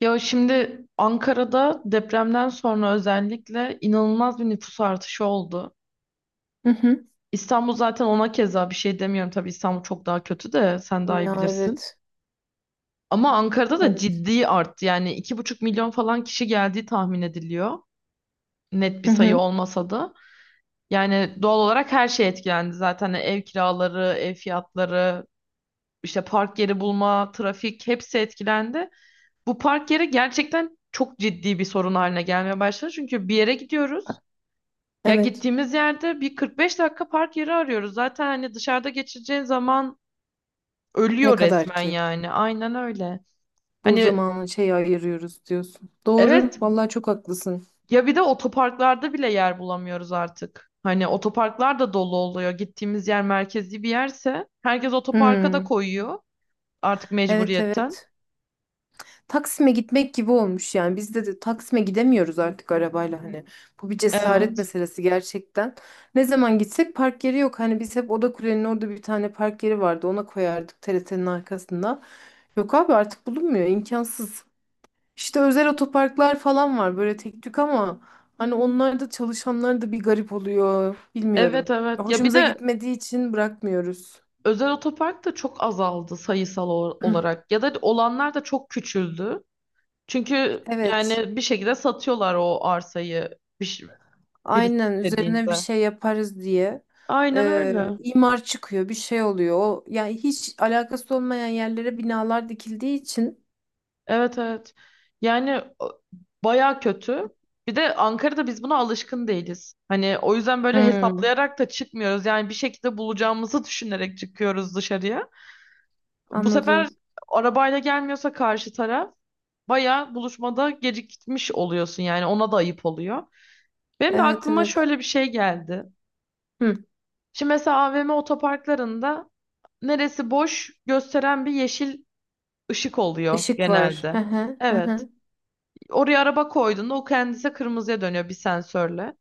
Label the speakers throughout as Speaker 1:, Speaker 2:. Speaker 1: Ya şimdi Ankara'da depremden sonra özellikle inanılmaz bir nüfus artışı oldu.
Speaker 2: Hı hı.
Speaker 1: İstanbul zaten ona keza bir şey demiyorum. Tabii İstanbul çok daha kötü de sen daha iyi
Speaker 2: Ya,
Speaker 1: bilirsin.
Speaker 2: evet.
Speaker 1: Ama Ankara'da da
Speaker 2: Evet.
Speaker 1: ciddi arttı. Yani 2,5 milyon falan kişi geldiği tahmin ediliyor. Net bir
Speaker 2: Hı
Speaker 1: sayı
Speaker 2: hı.
Speaker 1: olmasa da. Yani doğal olarak her şey etkilendi zaten. Hani ev kiraları, ev fiyatları, işte park yeri bulma, trafik hepsi etkilendi. Bu park yeri gerçekten çok ciddi bir sorun haline gelmeye başladı. Çünkü bir yere gidiyoruz. Ya
Speaker 2: Evet.
Speaker 1: gittiğimiz yerde bir 45 dakika park yeri arıyoruz. Zaten hani dışarıda geçireceğin zaman
Speaker 2: Ne
Speaker 1: ölüyor
Speaker 2: kadar
Speaker 1: resmen
Speaker 2: ki
Speaker 1: yani. Aynen öyle.
Speaker 2: bu
Speaker 1: Hani,
Speaker 2: zamanı şey ayırıyoruz diyorsun. Doğru.
Speaker 1: evet.
Speaker 2: Vallahi çok haklısın.
Speaker 1: Ya bir de otoparklarda bile yer bulamıyoruz artık. Hani otoparklar da dolu oluyor. Gittiğimiz yer merkezi bir yerse herkes otoparka da
Speaker 2: Hmm.
Speaker 1: koyuyor artık
Speaker 2: Evet,
Speaker 1: mecburiyetten.
Speaker 2: evet. Taksim'e gitmek gibi olmuş yani. Biz de Taksim'e gidemiyoruz artık arabayla hani. Bu bir cesaret
Speaker 1: Evet.
Speaker 2: meselesi gerçekten. Ne zaman gitsek park yeri yok. Hani biz hep Oda Kule'nin orada bir tane park yeri vardı. Ona koyardık TRT'nin arkasında. Yok abi artık bulunmuyor. İmkansız. İşte özel otoparklar falan var böyle tek tük ama hani onlar da çalışanlar da bir garip oluyor.
Speaker 1: Evet,
Speaker 2: Bilmiyorum.
Speaker 1: evet. Ya bir
Speaker 2: Hoşumuza
Speaker 1: de
Speaker 2: gitmediği için bırakmıyoruz.
Speaker 1: özel otopark da çok azaldı sayısal olarak. Ya da olanlar da çok küçüldü. Çünkü
Speaker 2: Evet.
Speaker 1: yani bir şekilde satıyorlar o arsayı birisi
Speaker 2: Aynen üzerine bir
Speaker 1: istediğinde.
Speaker 2: şey yaparız diye.
Speaker 1: Aynen öyle.
Speaker 2: İmar çıkıyor, bir şey oluyor. O, yani hiç alakası olmayan yerlere binalar dikildiği için.
Speaker 1: Evet, evet. Yani bayağı kötü. Bir de Ankara'da biz buna alışkın değiliz. Hani o yüzden böyle
Speaker 2: Hmm,
Speaker 1: hesaplayarak da çıkmıyoruz. Yani bir şekilde bulacağımızı düşünerek çıkıyoruz dışarıya. Bu sefer
Speaker 2: anladım.
Speaker 1: arabayla gelmiyorsa karşı taraf bayağı buluşmada gecikmiş oluyorsun, yani ona da ayıp oluyor. Benim de
Speaker 2: Evet,
Speaker 1: aklıma
Speaker 2: evet.
Speaker 1: şöyle bir şey geldi.
Speaker 2: Hı,
Speaker 1: Şimdi mesela AVM otoparklarında neresi boş gösteren bir yeşil ışık oluyor
Speaker 2: ışık var. Hı
Speaker 1: genelde.
Speaker 2: hı, hı
Speaker 1: Evet.
Speaker 2: hı.
Speaker 1: Oraya araba koyduğunda o kendisi kırmızıya dönüyor bir sensörle.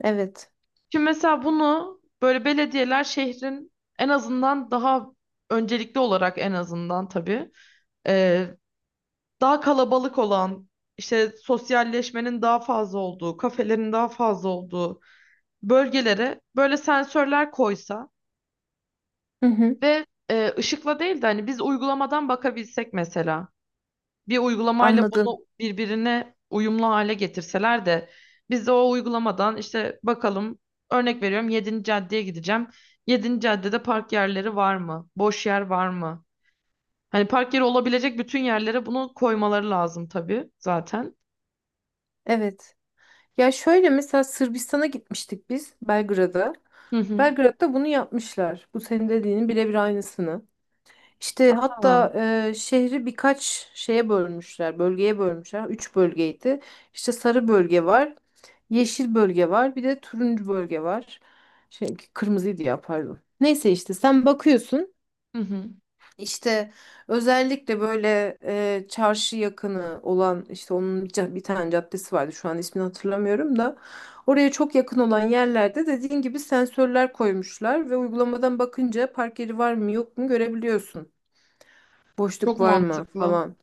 Speaker 2: Evet.
Speaker 1: Şimdi mesela bunu böyle belediyeler şehrin en azından daha öncelikli olarak, en azından tabii, e, daha kalabalık olan, işte sosyalleşmenin daha fazla olduğu, kafelerin daha fazla olduğu bölgelere böyle sensörler koysa
Speaker 2: Hı hı,
Speaker 1: ve ışıkla değil de hani biz uygulamadan bakabilsek mesela. Bir uygulamayla
Speaker 2: anladım.
Speaker 1: bunu birbirine uyumlu hale getirseler de biz de o uygulamadan işte bakalım, örnek veriyorum, Yedinci caddeye gideceğim. Yedinci caddede park yerleri var mı? Boş yer var mı? Hani park yeri olabilecek bütün yerlere bunu koymaları lazım tabii zaten.
Speaker 2: Evet. Ya şöyle, mesela Sırbistan'a gitmiştik biz, Belgrad'a.
Speaker 1: Hı hı.
Speaker 2: Belgrad'da bunu yapmışlar. Bu senin dediğinin birebir aynısını. İşte
Speaker 1: Ha.
Speaker 2: hatta şehri birkaç şeye bölmüşler, bölgeye bölmüşler. Üç bölgeydi. İşte sarı bölge var, yeşil bölge var, bir de turuncu bölge var. Şey, kırmızıydı ya, pardon. Neyse, işte sen bakıyorsun.
Speaker 1: Hı hı.
Speaker 2: İşte özellikle böyle çarşı yakını olan, işte onun bir bir tane caddesi vardı, şu an ismini hatırlamıyorum da oraya çok yakın olan yerlerde, dediğin gibi, sensörler koymuşlar ve uygulamadan bakınca park yeri var mı yok mu görebiliyorsun.
Speaker 1: Çok
Speaker 2: Boşluk var mı
Speaker 1: mantıklı.
Speaker 2: falan.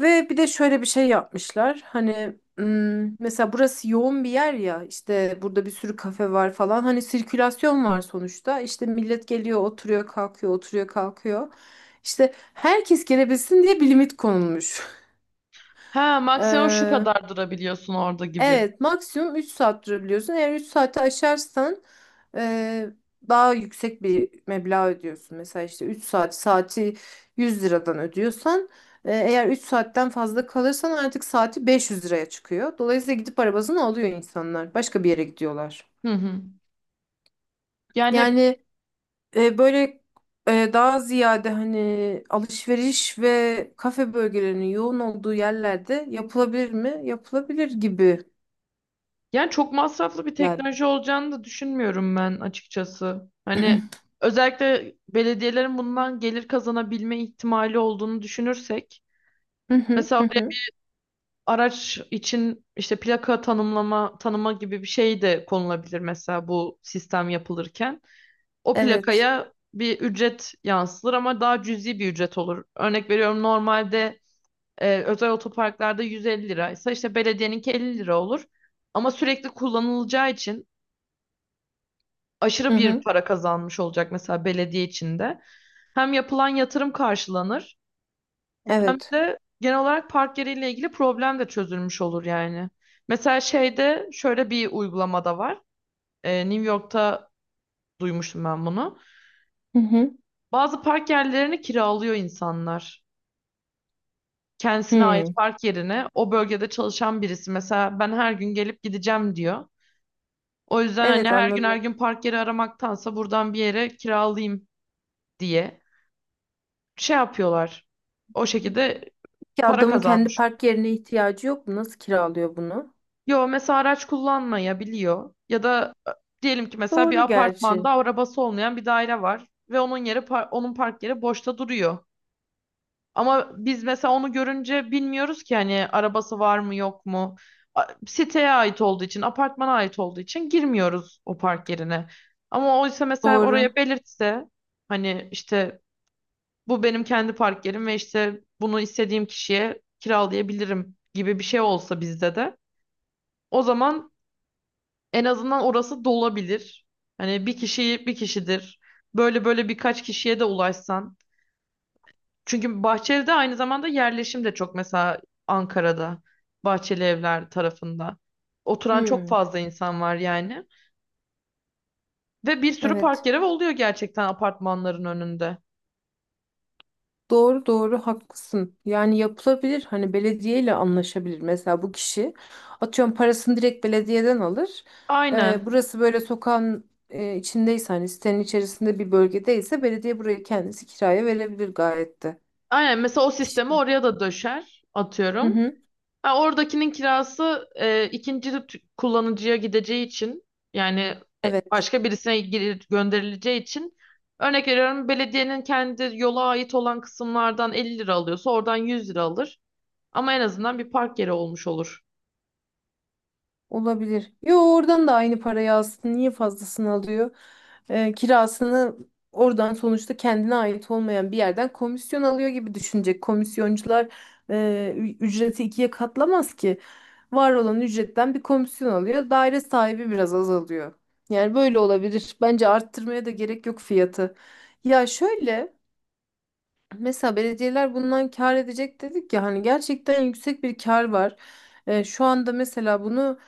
Speaker 2: Ve bir de şöyle bir şey yapmışlar. Hani mesela burası yoğun bir yer ya. İşte burada bir sürü kafe var falan. Hani sirkülasyon var sonuçta. İşte millet geliyor, oturuyor, kalkıyor, oturuyor, kalkıyor. İşte herkes gelebilsin diye bir limit konulmuş.
Speaker 1: Ha, maksimum şu kadar durabiliyorsun orada gibi.
Speaker 2: Evet, maksimum 3 saat durabiliyorsun. Eğer 3 saati aşarsan eee, daha yüksek bir meblağ ödüyorsun. Mesela işte 3 saat saati 100 liradan ödüyorsan eğer 3 saatten fazla kalırsan artık saati 500 liraya çıkıyor. Dolayısıyla gidip arabasını alıyor insanlar. Başka bir yere gidiyorlar.
Speaker 1: Hı hı. Yani
Speaker 2: Yani böyle daha ziyade hani alışveriş ve kafe bölgelerinin yoğun olduğu yerlerde yapılabilir mi? Yapılabilir gibi.
Speaker 1: Yani çok masraflı bir
Speaker 2: Yani.
Speaker 1: teknoloji olacağını da düşünmüyorum ben açıkçası. Hani özellikle belediyelerin bundan gelir kazanabilme ihtimali olduğunu düşünürsek,
Speaker 2: Hı hı,
Speaker 1: mesela
Speaker 2: hı
Speaker 1: oraya
Speaker 2: hı.
Speaker 1: araç için işte plaka tanımlama tanıma gibi bir şey de konulabilir mesela, bu sistem yapılırken. O
Speaker 2: Evet.
Speaker 1: plakaya bir ücret yansıtılır ama daha cüzi bir ücret olur. Örnek veriyorum, normalde özel otoparklarda 150 liraysa işte belediyeninki 50 lira olur. Ama sürekli kullanılacağı için
Speaker 2: Hı
Speaker 1: aşırı bir
Speaker 2: hı.
Speaker 1: para kazanmış olacak mesela belediye içinde. Hem yapılan yatırım karşılanır hem
Speaker 2: Evet.
Speaker 1: de genel olarak park yeriyle ilgili problem de çözülmüş olur yani. Mesela şeyde, şöyle bir uygulamada var. New York'ta duymuştum ben bunu.
Speaker 2: Hı hı.
Speaker 1: Bazı park yerlerini kiralıyor insanlar. Kendisine ait
Speaker 2: Hı.
Speaker 1: park yerine o bölgede çalışan birisi mesela ben her gün gelip gideceğim diyor. O yüzden hani
Speaker 2: Evet,
Speaker 1: her gün her
Speaker 2: anladım.
Speaker 1: gün park yeri aramaktansa buradan bir yere kiralayayım diye şey yapıyorlar. O şekilde
Speaker 2: Ki
Speaker 1: para
Speaker 2: adamın kendi
Speaker 1: kazanmış.
Speaker 2: park yerine ihtiyacı yok mu? Nasıl kiralıyor bunu?
Speaker 1: Yo, mesela araç kullanmayabiliyor ya da diyelim ki mesela bir
Speaker 2: Doğru gerçi.
Speaker 1: apartmanda arabası olmayan bir daire var ve onun park yeri boşta duruyor. Ama biz mesela onu görünce bilmiyoruz ki hani arabası var mı yok mu. Siteye ait olduğu için, apartmana ait olduğu için girmiyoruz o park yerine. Ama oysa mesela
Speaker 2: Doğru.
Speaker 1: oraya belirtse, hani işte bu benim kendi park yerim ve işte bunu istediğim kişiye kiralayabilirim gibi bir şey olsa bizde de, o zaman en azından orası dolabilir. Hani bir kişi bir kişidir. Böyle böyle birkaç kişiye de ulaşsan. Çünkü Bahçeli'de aynı zamanda yerleşim de çok mesela, Ankara'da Bahçeli Evler tarafında. Oturan çok
Speaker 2: Hmm.
Speaker 1: fazla insan var yani. Ve bir sürü park
Speaker 2: Evet.
Speaker 1: yeri oluyor gerçekten apartmanların önünde.
Speaker 2: Doğru doğru haklısın. Yani yapılabilir. Hani belediyeyle anlaşabilir. Mesela bu kişi atıyorum parasını direkt belediyeden alır.
Speaker 1: Aynen.
Speaker 2: Burası böyle sokağın içindeyse, hani sitenin içerisinde bir bölgedeyse, belediye burayı kendisi kiraya verebilir gayet de.
Speaker 1: Aynen, mesela o sistemi
Speaker 2: Kişi-
Speaker 1: oraya da döşer
Speaker 2: Hı
Speaker 1: atıyorum.
Speaker 2: hı.
Speaker 1: Ha, oradakinin kirası ikinci kullanıcıya gideceği için, yani
Speaker 2: Evet.
Speaker 1: başka birisine gönderileceği için, örnek veriyorum, belediyenin kendi yola ait olan kısımlardan 50 lira alıyorsa oradan 100 lira alır. Ama en azından bir park yeri olmuş olur.
Speaker 2: Olabilir. Yo, oradan da aynı parayı alsın. Niye fazlasını alıyor? Kirasını oradan, sonuçta kendine ait olmayan bir yerden komisyon alıyor gibi düşünecek. Komisyoncular ücreti ikiye katlamaz ki. Var olan ücretten bir komisyon alıyor. Daire sahibi biraz azalıyor. Yani böyle olabilir. Bence arttırmaya da gerek yok fiyatı. Ya şöyle. Mesela belediyeler bundan kâr edecek dedik ya, hani gerçekten yüksek bir kâr var. Şu anda mesela bunu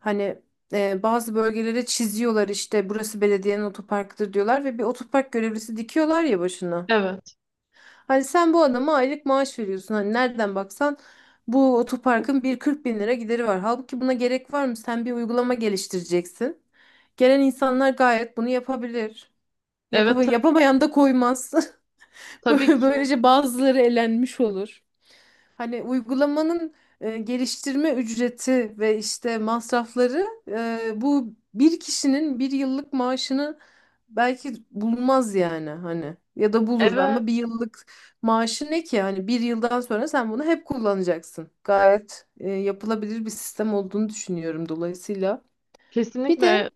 Speaker 2: hani bazı bölgelere çiziyorlar, işte burası belediyenin otoparkıdır diyorlar ve bir otopark görevlisi dikiyorlar ya başına.
Speaker 1: Evet.
Speaker 2: Hani sen bu adama aylık maaş veriyorsun, hani nereden baksan bu otoparkın bir 40 bin lira gideri var. Halbuki buna gerek var mı? Sen bir uygulama geliştireceksin. Gelen insanlar gayet bunu yapabilir.
Speaker 1: Evet, tabii,
Speaker 2: Yapamayan da koymaz.
Speaker 1: tabii ki.
Speaker 2: Böylece bazıları elenmiş olur. Hani uygulamanın geliştirme ücreti ve işte masrafları bu bir kişinin bir yıllık maaşını belki bulmaz yani, hani, ya da bulur
Speaker 1: Evet.
Speaker 2: ama bir yıllık maaşı ne ki, hani bir yıldan sonra sen bunu hep kullanacaksın. Gayet yapılabilir bir sistem olduğunu düşünüyorum dolayısıyla. Bir de
Speaker 1: Kesinlikle.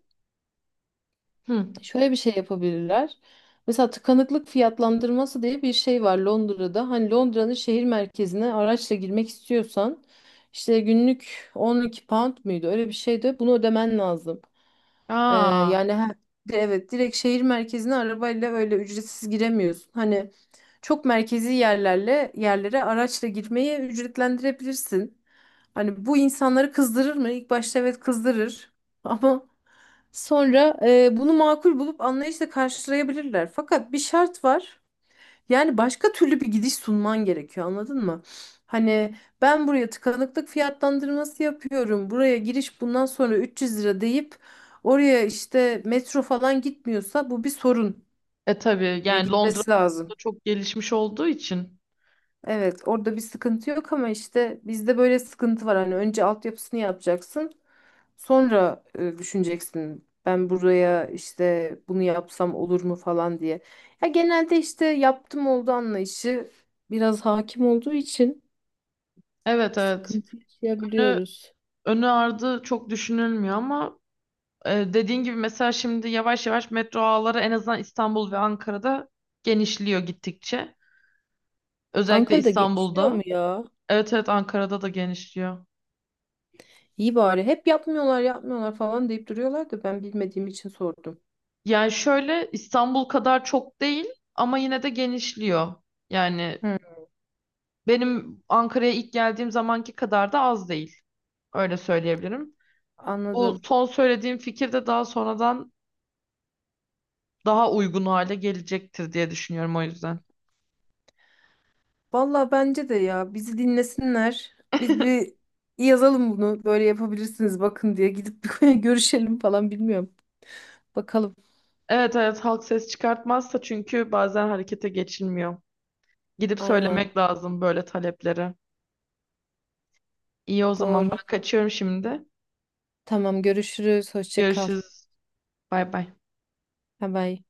Speaker 1: Hı.
Speaker 2: şöyle bir şey yapabilirler. Mesela tıkanıklık fiyatlandırması diye bir şey var Londra'da. Hani Londra'nın şehir merkezine araçla girmek istiyorsan işte günlük £12 muydu? Öyle bir şey de bunu ödemen lazım. Ee,
Speaker 1: Aa,
Speaker 2: Yani, evet, direkt şehir merkezine arabayla öyle ücretsiz giremiyorsun. Hani çok merkezi yerlerle yerlere araçla girmeyi ücretlendirebilirsin. Hani bu insanları kızdırır mı? İlk başta, evet, kızdırır. Ama sonra bunu makul bulup anlayışla karşılayabilirler. Fakat bir şart var. Yani başka türlü bir gidiş sunman gerekiyor, anladın mı? Hani ben buraya tıkanıklık fiyatlandırması yapıyorum. Buraya giriş bundan sonra 300 lira deyip oraya işte metro falan gitmiyorsa, bu bir sorun.
Speaker 1: tabii,
Speaker 2: Ya
Speaker 1: yani Londra
Speaker 2: gitmesi
Speaker 1: da
Speaker 2: lazım.
Speaker 1: çok gelişmiş olduğu için.
Speaker 2: Evet, orada bir sıkıntı yok ama işte bizde böyle sıkıntı var. Hani önce altyapısını yapacaksın, sonra düşüneceksin. Ben buraya işte bunu yapsam olur mu falan diye. Ya genelde işte yaptım oldu anlayışı biraz hakim olduğu için
Speaker 1: Evet, evet.
Speaker 2: sıkıntı
Speaker 1: Önü,
Speaker 2: yaşayabiliyoruz.
Speaker 1: önü ardı çok düşünülmüyor ama dediğin gibi mesela şimdi yavaş yavaş metro ağları en azından İstanbul ve Ankara'da genişliyor gittikçe. Özellikle
Speaker 2: Ankara'da gençliyor mu
Speaker 1: İstanbul'da.
Speaker 2: ya?
Speaker 1: Evet, evet, Ankara'da da genişliyor.
Speaker 2: İyi bari. Hep yapmıyorlar, yapmıyorlar falan deyip duruyorlar da ben bilmediğim için sordum.
Speaker 1: Yani şöyle, İstanbul kadar çok değil ama yine de genişliyor. Yani
Speaker 2: Hı,
Speaker 1: benim Ankara'ya ilk geldiğim zamanki kadar da az değil. Öyle söyleyebilirim. Bu
Speaker 2: anladım.
Speaker 1: son söylediğim fikir de daha sonradan daha uygun hale gelecektir diye düşünüyorum o yüzden.
Speaker 2: Valla bence de, ya, bizi dinlesinler. Biz bir yazalım bunu, böyle yapabilirsiniz bakın, diye gidip bir görüşelim falan, bilmiyorum. Bakalım.
Speaker 1: Evet, evet, halk ses çıkartmazsa çünkü bazen harekete geçilmiyor. Gidip
Speaker 2: Aynen,
Speaker 1: söylemek lazım böyle talepleri. İyi, o zaman
Speaker 2: doğru.
Speaker 1: ben kaçıyorum şimdi.
Speaker 2: Tamam, görüşürüz. Hoşça kal.
Speaker 1: Görüşürüz. Bay bay.
Speaker 2: Bye bye.